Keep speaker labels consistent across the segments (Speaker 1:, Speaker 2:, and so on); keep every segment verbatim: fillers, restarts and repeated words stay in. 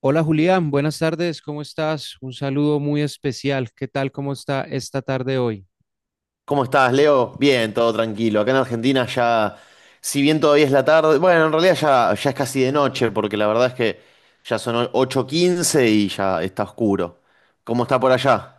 Speaker 1: Hola Julián, buenas tardes, ¿cómo estás? Un saludo muy especial. ¿Qué tal? ¿Cómo está esta tarde hoy?
Speaker 2: ¿Cómo estás, Leo? Bien, todo tranquilo. Acá en Argentina ya, si bien todavía es la tarde, bueno, en realidad ya, ya es casi de noche, porque la verdad es que ya son o- ocho quince y ya está oscuro. ¿Cómo está por allá?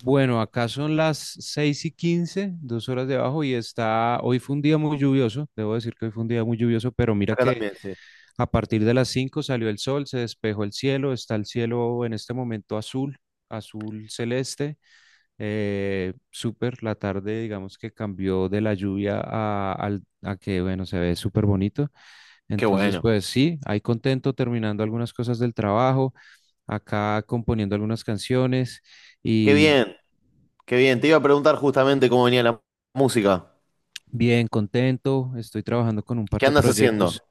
Speaker 1: Bueno, acá son las seis y quince, dos horas de abajo, y está, hoy fue un día muy lluvioso, debo decir que hoy fue un día muy lluvioso, pero mira
Speaker 2: Acá
Speaker 1: que
Speaker 2: también, sí.
Speaker 1: a partir de las cinco salió el sol, se despejó el cielo, está el cielo en este momento azul, azul celeste, eh, súper, la tarde digamos que cambió de la lluvia a, al- a que, bueno, se ve súper bonito.
Speaker 2: Qué
Speaker 1: Entonces,
Speaker 2: bueno.
Speaker 1: pues sí, ahí contento terminando algunas cosas del trabajo, acá componiendo algunas canciones
Speaker 2: Qué
Speaker 1: y
Speaker 2: bien, qué bien. Te iba a preguntar justamente cómo venía la música.
Speaker 1: bien contento. Estoy trabajando con un par
Speaker 2: ¿Qué
Speaker 1: de
Speaker 2: andas
Speaker 1: proyectos.
Speaker 2: haciendo?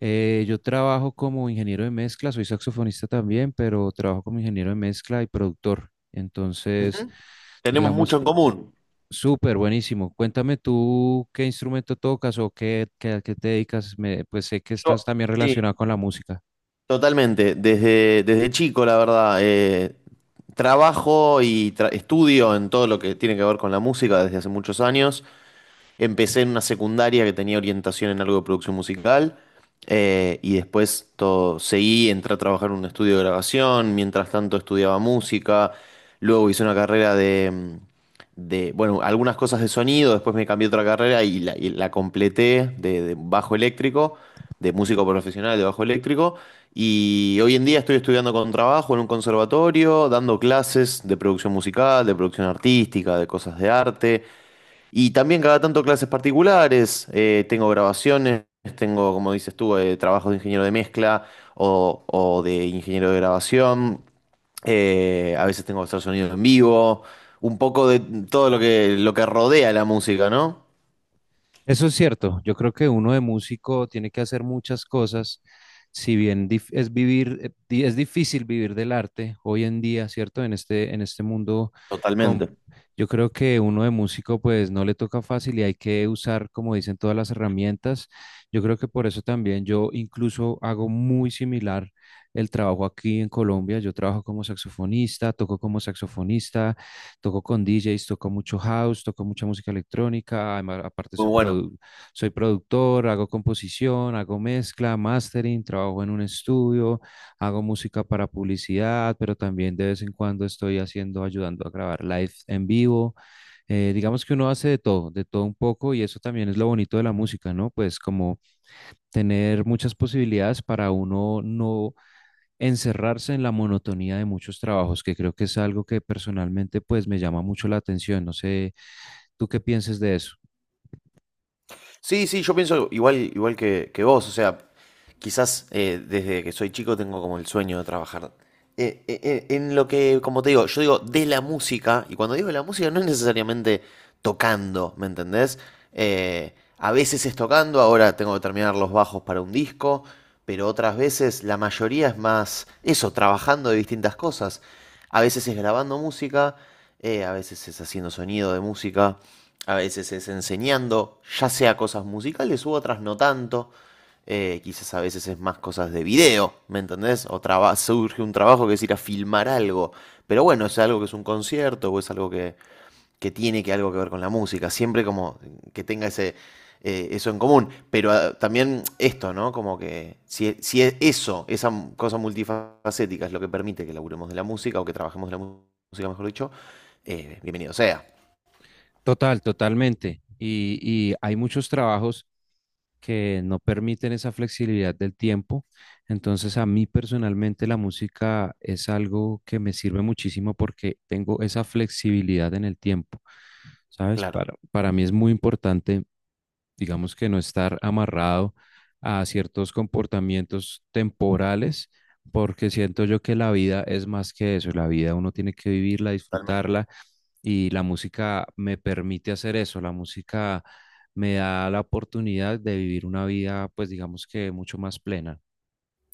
Speaker 1: Eh, yo trabajo como ingeniero de mezcla, soy saxofonista también, pero trabajo como ingeniero de mezcla y productor. Entonces,
Speaker 2: Ujú. Tenemos mucho
Speaker 1: digamos,
Speaker 2: en común.
Speaker 1: súper buenísimo. Cuéntame tú qué instrumento tocas o qué, qué, a qué te dedicas. Me- pues sé que estás
Speaker 2: Yo,
Speaker 1: también
Speaker 2: sí.
Speaker 1: relacionado con la música.
Speaker 2: Totalmente, desde, desde chico, la verdad, eh, trabajo y tra- estudio en todo lo que tiene que ver con la música desde hace muchos años. Empecé en una secundaria que tenía orientación en algo de producción musical, eh, y después todo, seguí, entré a trabajar en un estudio de grabación, mientras tanto estudiaba música, luego hice una carrera de, mm, de, bueno, algunas cosas de sonido, después me cambié a otra carrera y la, y la completé de, de bajo eléctrico, de músico profesional de bajo eléctrico y hoy en día estoy estudiando con trabajo en un conservatorio, dando clases de producción musical, de producción artística, de cosas de arte. Y también cada tanto clases particulares, eh, tengo grabaciones, tengo, como dices tú, eh, trabajos de ingeniero de mezcla o, o de ingeniero de grabación, eh, a veces tengo que hacer sonido en vivo, un poco de todo lo que, lo que rodea la música, ¿no?
Speaker 1: Eso es cierto. Yo creo que uno de músico tiene que hacer muchas cosas. Si bien dif- es vivir, eh, di- es difícil vivir del arte hoy en día, ¿cierto? En este, en este mundo,
Speaker 2: Totalmente.
Speaker 1: con, yo creo que uno de músico pues no le toca fácil y hay que usar, como dicen, todas las herramientas. Yo creo que por eso también yo incluso hago muy similar el trabajo aquí en Colombia. Yo trabajo como saxofonista, toco como saxofonista, toco con D Js, toco mucho house, toco mucha música electrónica. Además, aparte,
Speaker 2: Muy
Speaker 1: soy,
Speaker 2: bueno.
Speaker 1: produ- soy productor, hago composición, hago mezcla, mastering, trabajo en un estudio, hago música para publicidad, pero también de vez en cuando estoy haciendo, ayudando a grabar live en vivo. Eh, digamos que uno hace de todo, de todo un poco, y eso también es lo bonito de la música, ¿no? Pues como tener muchas posibilidades para uno no encerrarse en la monotonía de muchos trabajos, que creo que es algo que personalmente pues me llama mucho la atención. No sé, ¿tú qué piensas de eso?
Speaker 2: Sí, sí, yo pienso igual, igual que, que vos, o sea, quizás, eh, desde que soy chico tengo como el sueño de trabajar, eh, eh, eh, en lo que, como te digo, yo digo de la música, y cuando digo de la música no es necesariamente tocando, ¿me entendés? Eh, a veces es tocando, ahora tengo que terminar los bajos para un disco, pero otras veces la mayoría es más eso, trabajando de distintas cosas. A veces es grabando música, eh, a veces es haciendo sonido de música. A veces es enseñando, ya sea cosas musicales u otras no tanto. Eh, quizás a veces es más cosas de video, ¿me entendés? O traba- surge un trabajo que es ir a filmar algo. Pero bueno, es algo que es un concierto o es algo que, que tiene que algo que ver con la música. Siempre como que tenga ese, eh, eso en común. Pero ah, también esto, ¿no? Como que si, si es eso, esa m- cosa multifacética es lo que permite que laburemos de la música o que trabajemos de la mu- música, mejor dicho, eh, bienvenido sea.
Speaker 1: Total, totalmente. Y, y hay muchos trabajos que no permiten esa flexibilidad del tiempo. Entonces, a mí personalmente la música es algo que me sirve muchísimo porque tengo esa flexibilidad en el tiempo, ¿sabes?
Speaker 2: Claro,
Speaker 1: Para, para mí es muy importante digamos que no estar amarrado a ciertos comportamientos temporales, porque siento yo que la vida es más que eso, la vida uno tiene que vivirla,
Speaker 2: totalmente.
Speaker 1: disfrutarla y la música me permite hacer eso, la música me da la oportunidad de vivir una vida, pues digamos que mucho más plena.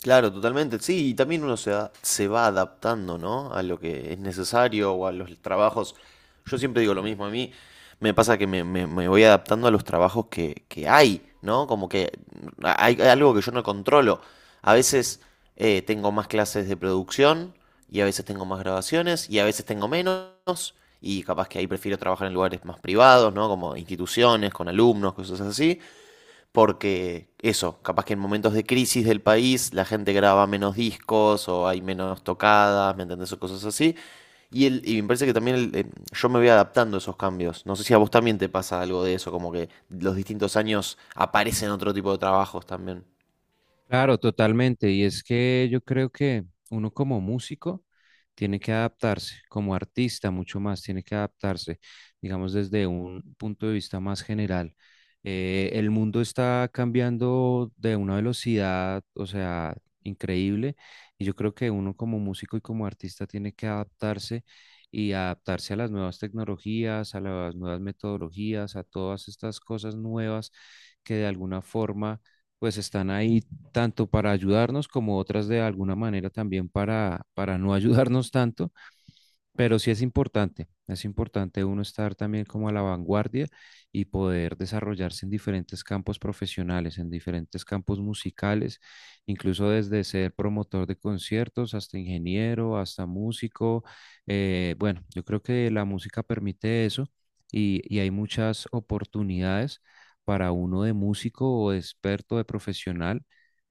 Speaker 2: Claro, totalmente. Sí, y también uno se va, se va adaptando, ¿no? A lo que es necesario o a los trabajos. Yo siempre digo lo mismo, a mí me pasa que me, me- me voy adaptando a los trabajos que, que hay, ¿no? Como que hay, hay algo que yo no controlo. A veces, eh, tengo más clases de producción y a veces tengo más grabaciones y a veces tengo menos y capaz que ahí prefiero trabajar en lugares más privados, ¿no? Como instituciones, con alumnos, cosas así, porque eso, capaz que en momentos de crisis del país la gente graba menos discos o hay menos tocadas, ¿me entendés? O cosas así. Y, el, y me parece que también el- eh, yo me voy adaptando a esos cambios. No sé si a vos también te pasa algo de eso, como que los distintos años aparecen otro tipo de trabajos también.
Speaker 1: Claro, totalmente. Y es que yo creo que uno como músico tiene que adaptarse, como artista mucho más, tiene que adaptarse, digamos, desde un punto de vista más general. Eh, el mundo está cambiando de una velocidad, o sea, increíble. Y yo creo que uno como músico y como artista tiene que adaptarse y adaptarse a las nuevas tecnologías, a las nuevas metodologías, a todas estas cosas nuevas que de alguna forma pues están ahí tanto para ayudarnos como otras de alguna manera también para, para no ayudarnos tanto, pero sí es importante, es importante uno estar también como a la vanguardia y poder desarrollarse en diferentes campos profesionales, en diferentes campos musicales, incluso desde ser promotor de conciertos hasta ingeniero, hasta músico. Eh, bueno, yo creo que la música permite eso y, y hay muchas oportunidades para uno de músico o de experto, de profesional,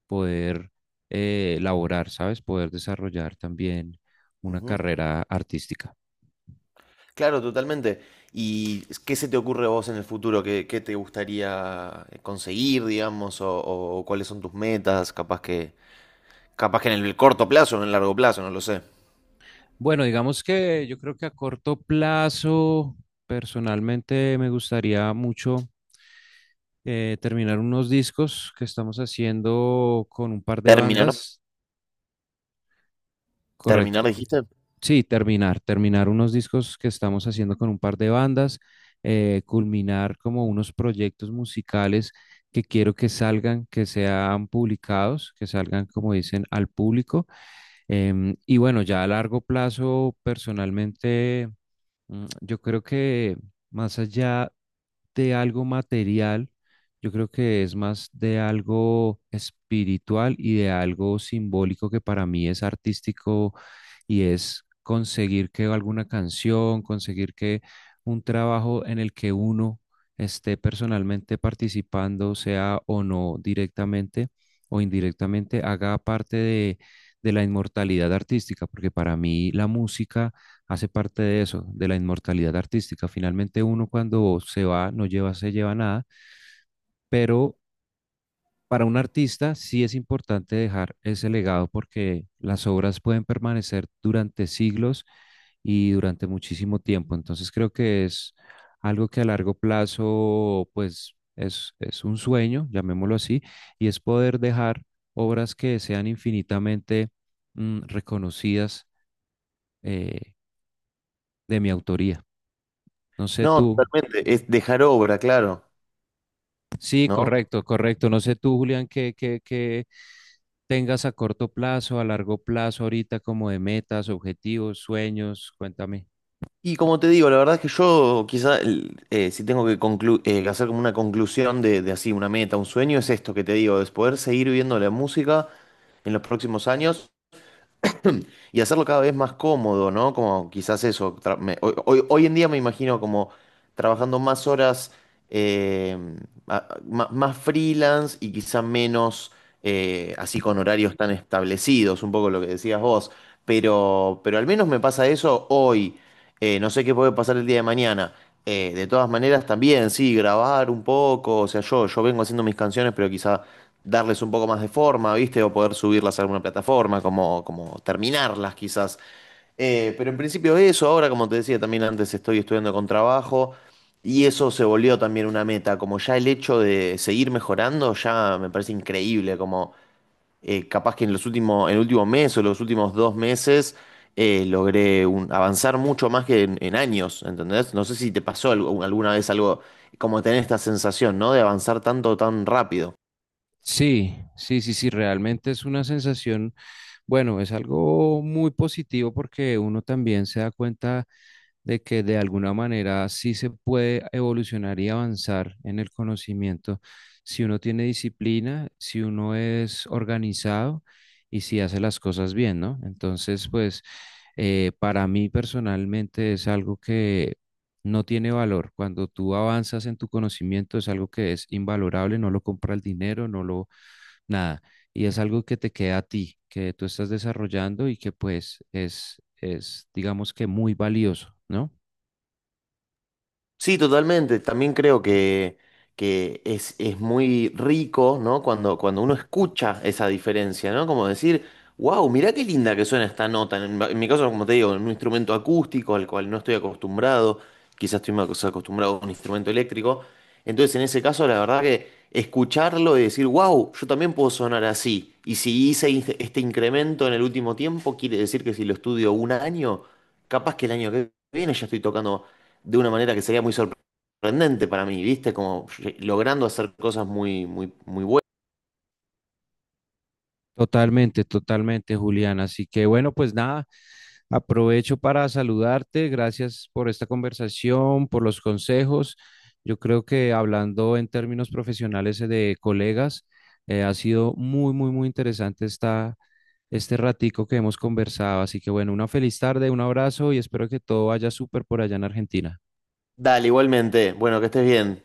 Speaker 1: poder eh, laborar, ¿sabes? Poder desarrollar también una
Speaker 2: Ujú.
Speaker 1: carrera artística.
Speaker 2: Claro, totalmente. ¿Y qué se te ocurre a vos en el futuro? ¿Qué, qué te gustaría conseguir, digamos? O, o cuáles son tus metas? Capaz que, capaz que en el corto plazo o en el largo plazo, no lo sé.
Speaker 1: Bueno, digamos que yo creo que a corto plazo, personalmente me gustaría mucho eh, terminar unos discos que estamos haciendo con un par de
Speaker 2: Terminar.
Speaker 1: bandas,
Speaker 2: ¿Terminar,
Speaker 1: correcto.
Speaker 2: dijiste?
Speaker 1: Sí, terminar, terminar unos discos que estamos haciendo con un par de bandas, eh, culminar como unos proyectos musicales que quiero que salgan, que sean publicados, que salgan, como dicen, al público. Em, y bueno, ya a largo plazo, personalmente, mm, yo creo que más allá de algo material, yo creo que es más de algo espiritual y de algo simbólico que para mí es artístico y es conseguir que alguna canción, conseguir que un trabajo en el que uno esté personalmente participando, sea o no directamente o indirectamente, haga parte de, de la inmortalidad artística, porque para mí la música hace parte de eso, de la inmortalidad artística. Finalmente uno cuando se va no lleva, se lleva nada, pero para un artista sí es importante dejar ese legado porque las obras pueden permanecer durante siglos y durante muchísimo tiempo. Entonces creo que es algo que a largo plazo, pues es, es un sueño, llamémoslo así, y es poder dejar obras que sean infinitamente mm, reconocidas eh, de mi autoría. No sé
Speaker 2: No,
Speaker 1: tú.
Speaker 2: totalmente. Es dejar obra, claro,
Speaker 1: Sí,
Speaker 2: ¿no?
Speaker 1: correcto, correcto. No sé tú, Julián, qué, qué, qué tengas a corto plazo, a largo plazo, ahorita como de metas, objetivos, sueños, cuéntame.
Speaker 2: Y como te digo, la verdad es que yo quizá, el- eh, si tengo que conclu- eh, que hacer como una conclusión de, de así, una meta, un sueño, es esto que te digo, es poder seguir viviendo la música en los próximos años y hacerlo cada vez más cómodo, ¿no? Como quizás eso, tra- me- hoy, hoy- hoy en día me imagino como trabajando más horas, eh, a- ma- más, freelance y quizá menos, eh, así con horarios tan establecidos, un poco lo que decías vos, pero, pero al menos me pasa eso hoy. Eh, no sé qué puede pasar el día de mañana. Eh, de todas maneras, también, sí, grabar un poco, o sea, yo, yo vengo haciendo mis canciones, pero quizá darles un poco más de forma, ¿viste? O poder subirlas a alguna plataforma, como, como terminarlas quizás. Eh, pero en principio eso, ahora como te decía también antes, estoy estudiando con trabajo y eso se volvió también una meta, como ya el hecho de seguir mejorando ya me parece increíble, como, eh, capaz que en los últimos, en el último mes o los últimos dos meses, eh, logré un- avanzar mucho más que en, en años, ¿entendés? No sé si te pasó algo- alguna vez algo como tener esta sensación, ¿no? De avanzar tanto, tan rápido.
Speaker 1: Sí, sí, sí, sí, realmente es una sensación, bueno, es algo muy positivo porque uno también se da cuenta de que de alguna manera sí se puede evolucionar y avanzar en el conocimiento si uno tiene disciplina, si uno es organizado y si hace las cosas bien, ¿no? Entonces, pues eh, para mí personalmente es algo que no tiene valor. Cuando tú avanzas en tu conocimiento es algo que es invalorable, no lo compra el dinero, no lo nada. Y es algo que te queda a ti, que tú estás desarrollando y que pues es, es digamos que muy valioso, ¿no?
Speaker 2: Sí, totalmente. También creo que, que es, es muy rico, ¿no? Cuando, cuando uno escucha esa diferencia, ¿no? Como decir, wow, mirá qué linda que suena esta nota. En, en mi caso, como te digo, en un instrumento acústico al cual no estoy acostumbrado, quizás estoy más acostumbrado a un instrumento eléctrico. Entonces, en ese caso, la verdad que escucharlo y decir, wow, yo también puedo sonar así. Y si hice in- este incremento en el último tiempo, quiere decir que si lo estudio un año, capaz que el año que viene ya estoy tocando de una manera que sería muy sorprendente para mí, ¿viste? Como, eh, logrando hacer cosas muy, muy, muy buenas.
Speaker 1: Totalmente, totalmente, Julián. Así que bueno, pues nada, aprovecho para saludarte. Gracias por esta conversación, por los consejos. Yo creo que hablando en términos profesionales eh, de colegas, eh, ha sido muy, muy, muy interesante esta, este ratico que hemos conversado. Así que bueno, una feliz tarde, un abrazo y espero que todo vaya súper por allá en Argentina.
Speaker 2: Dale, igualmente. Bueno, que estés bien.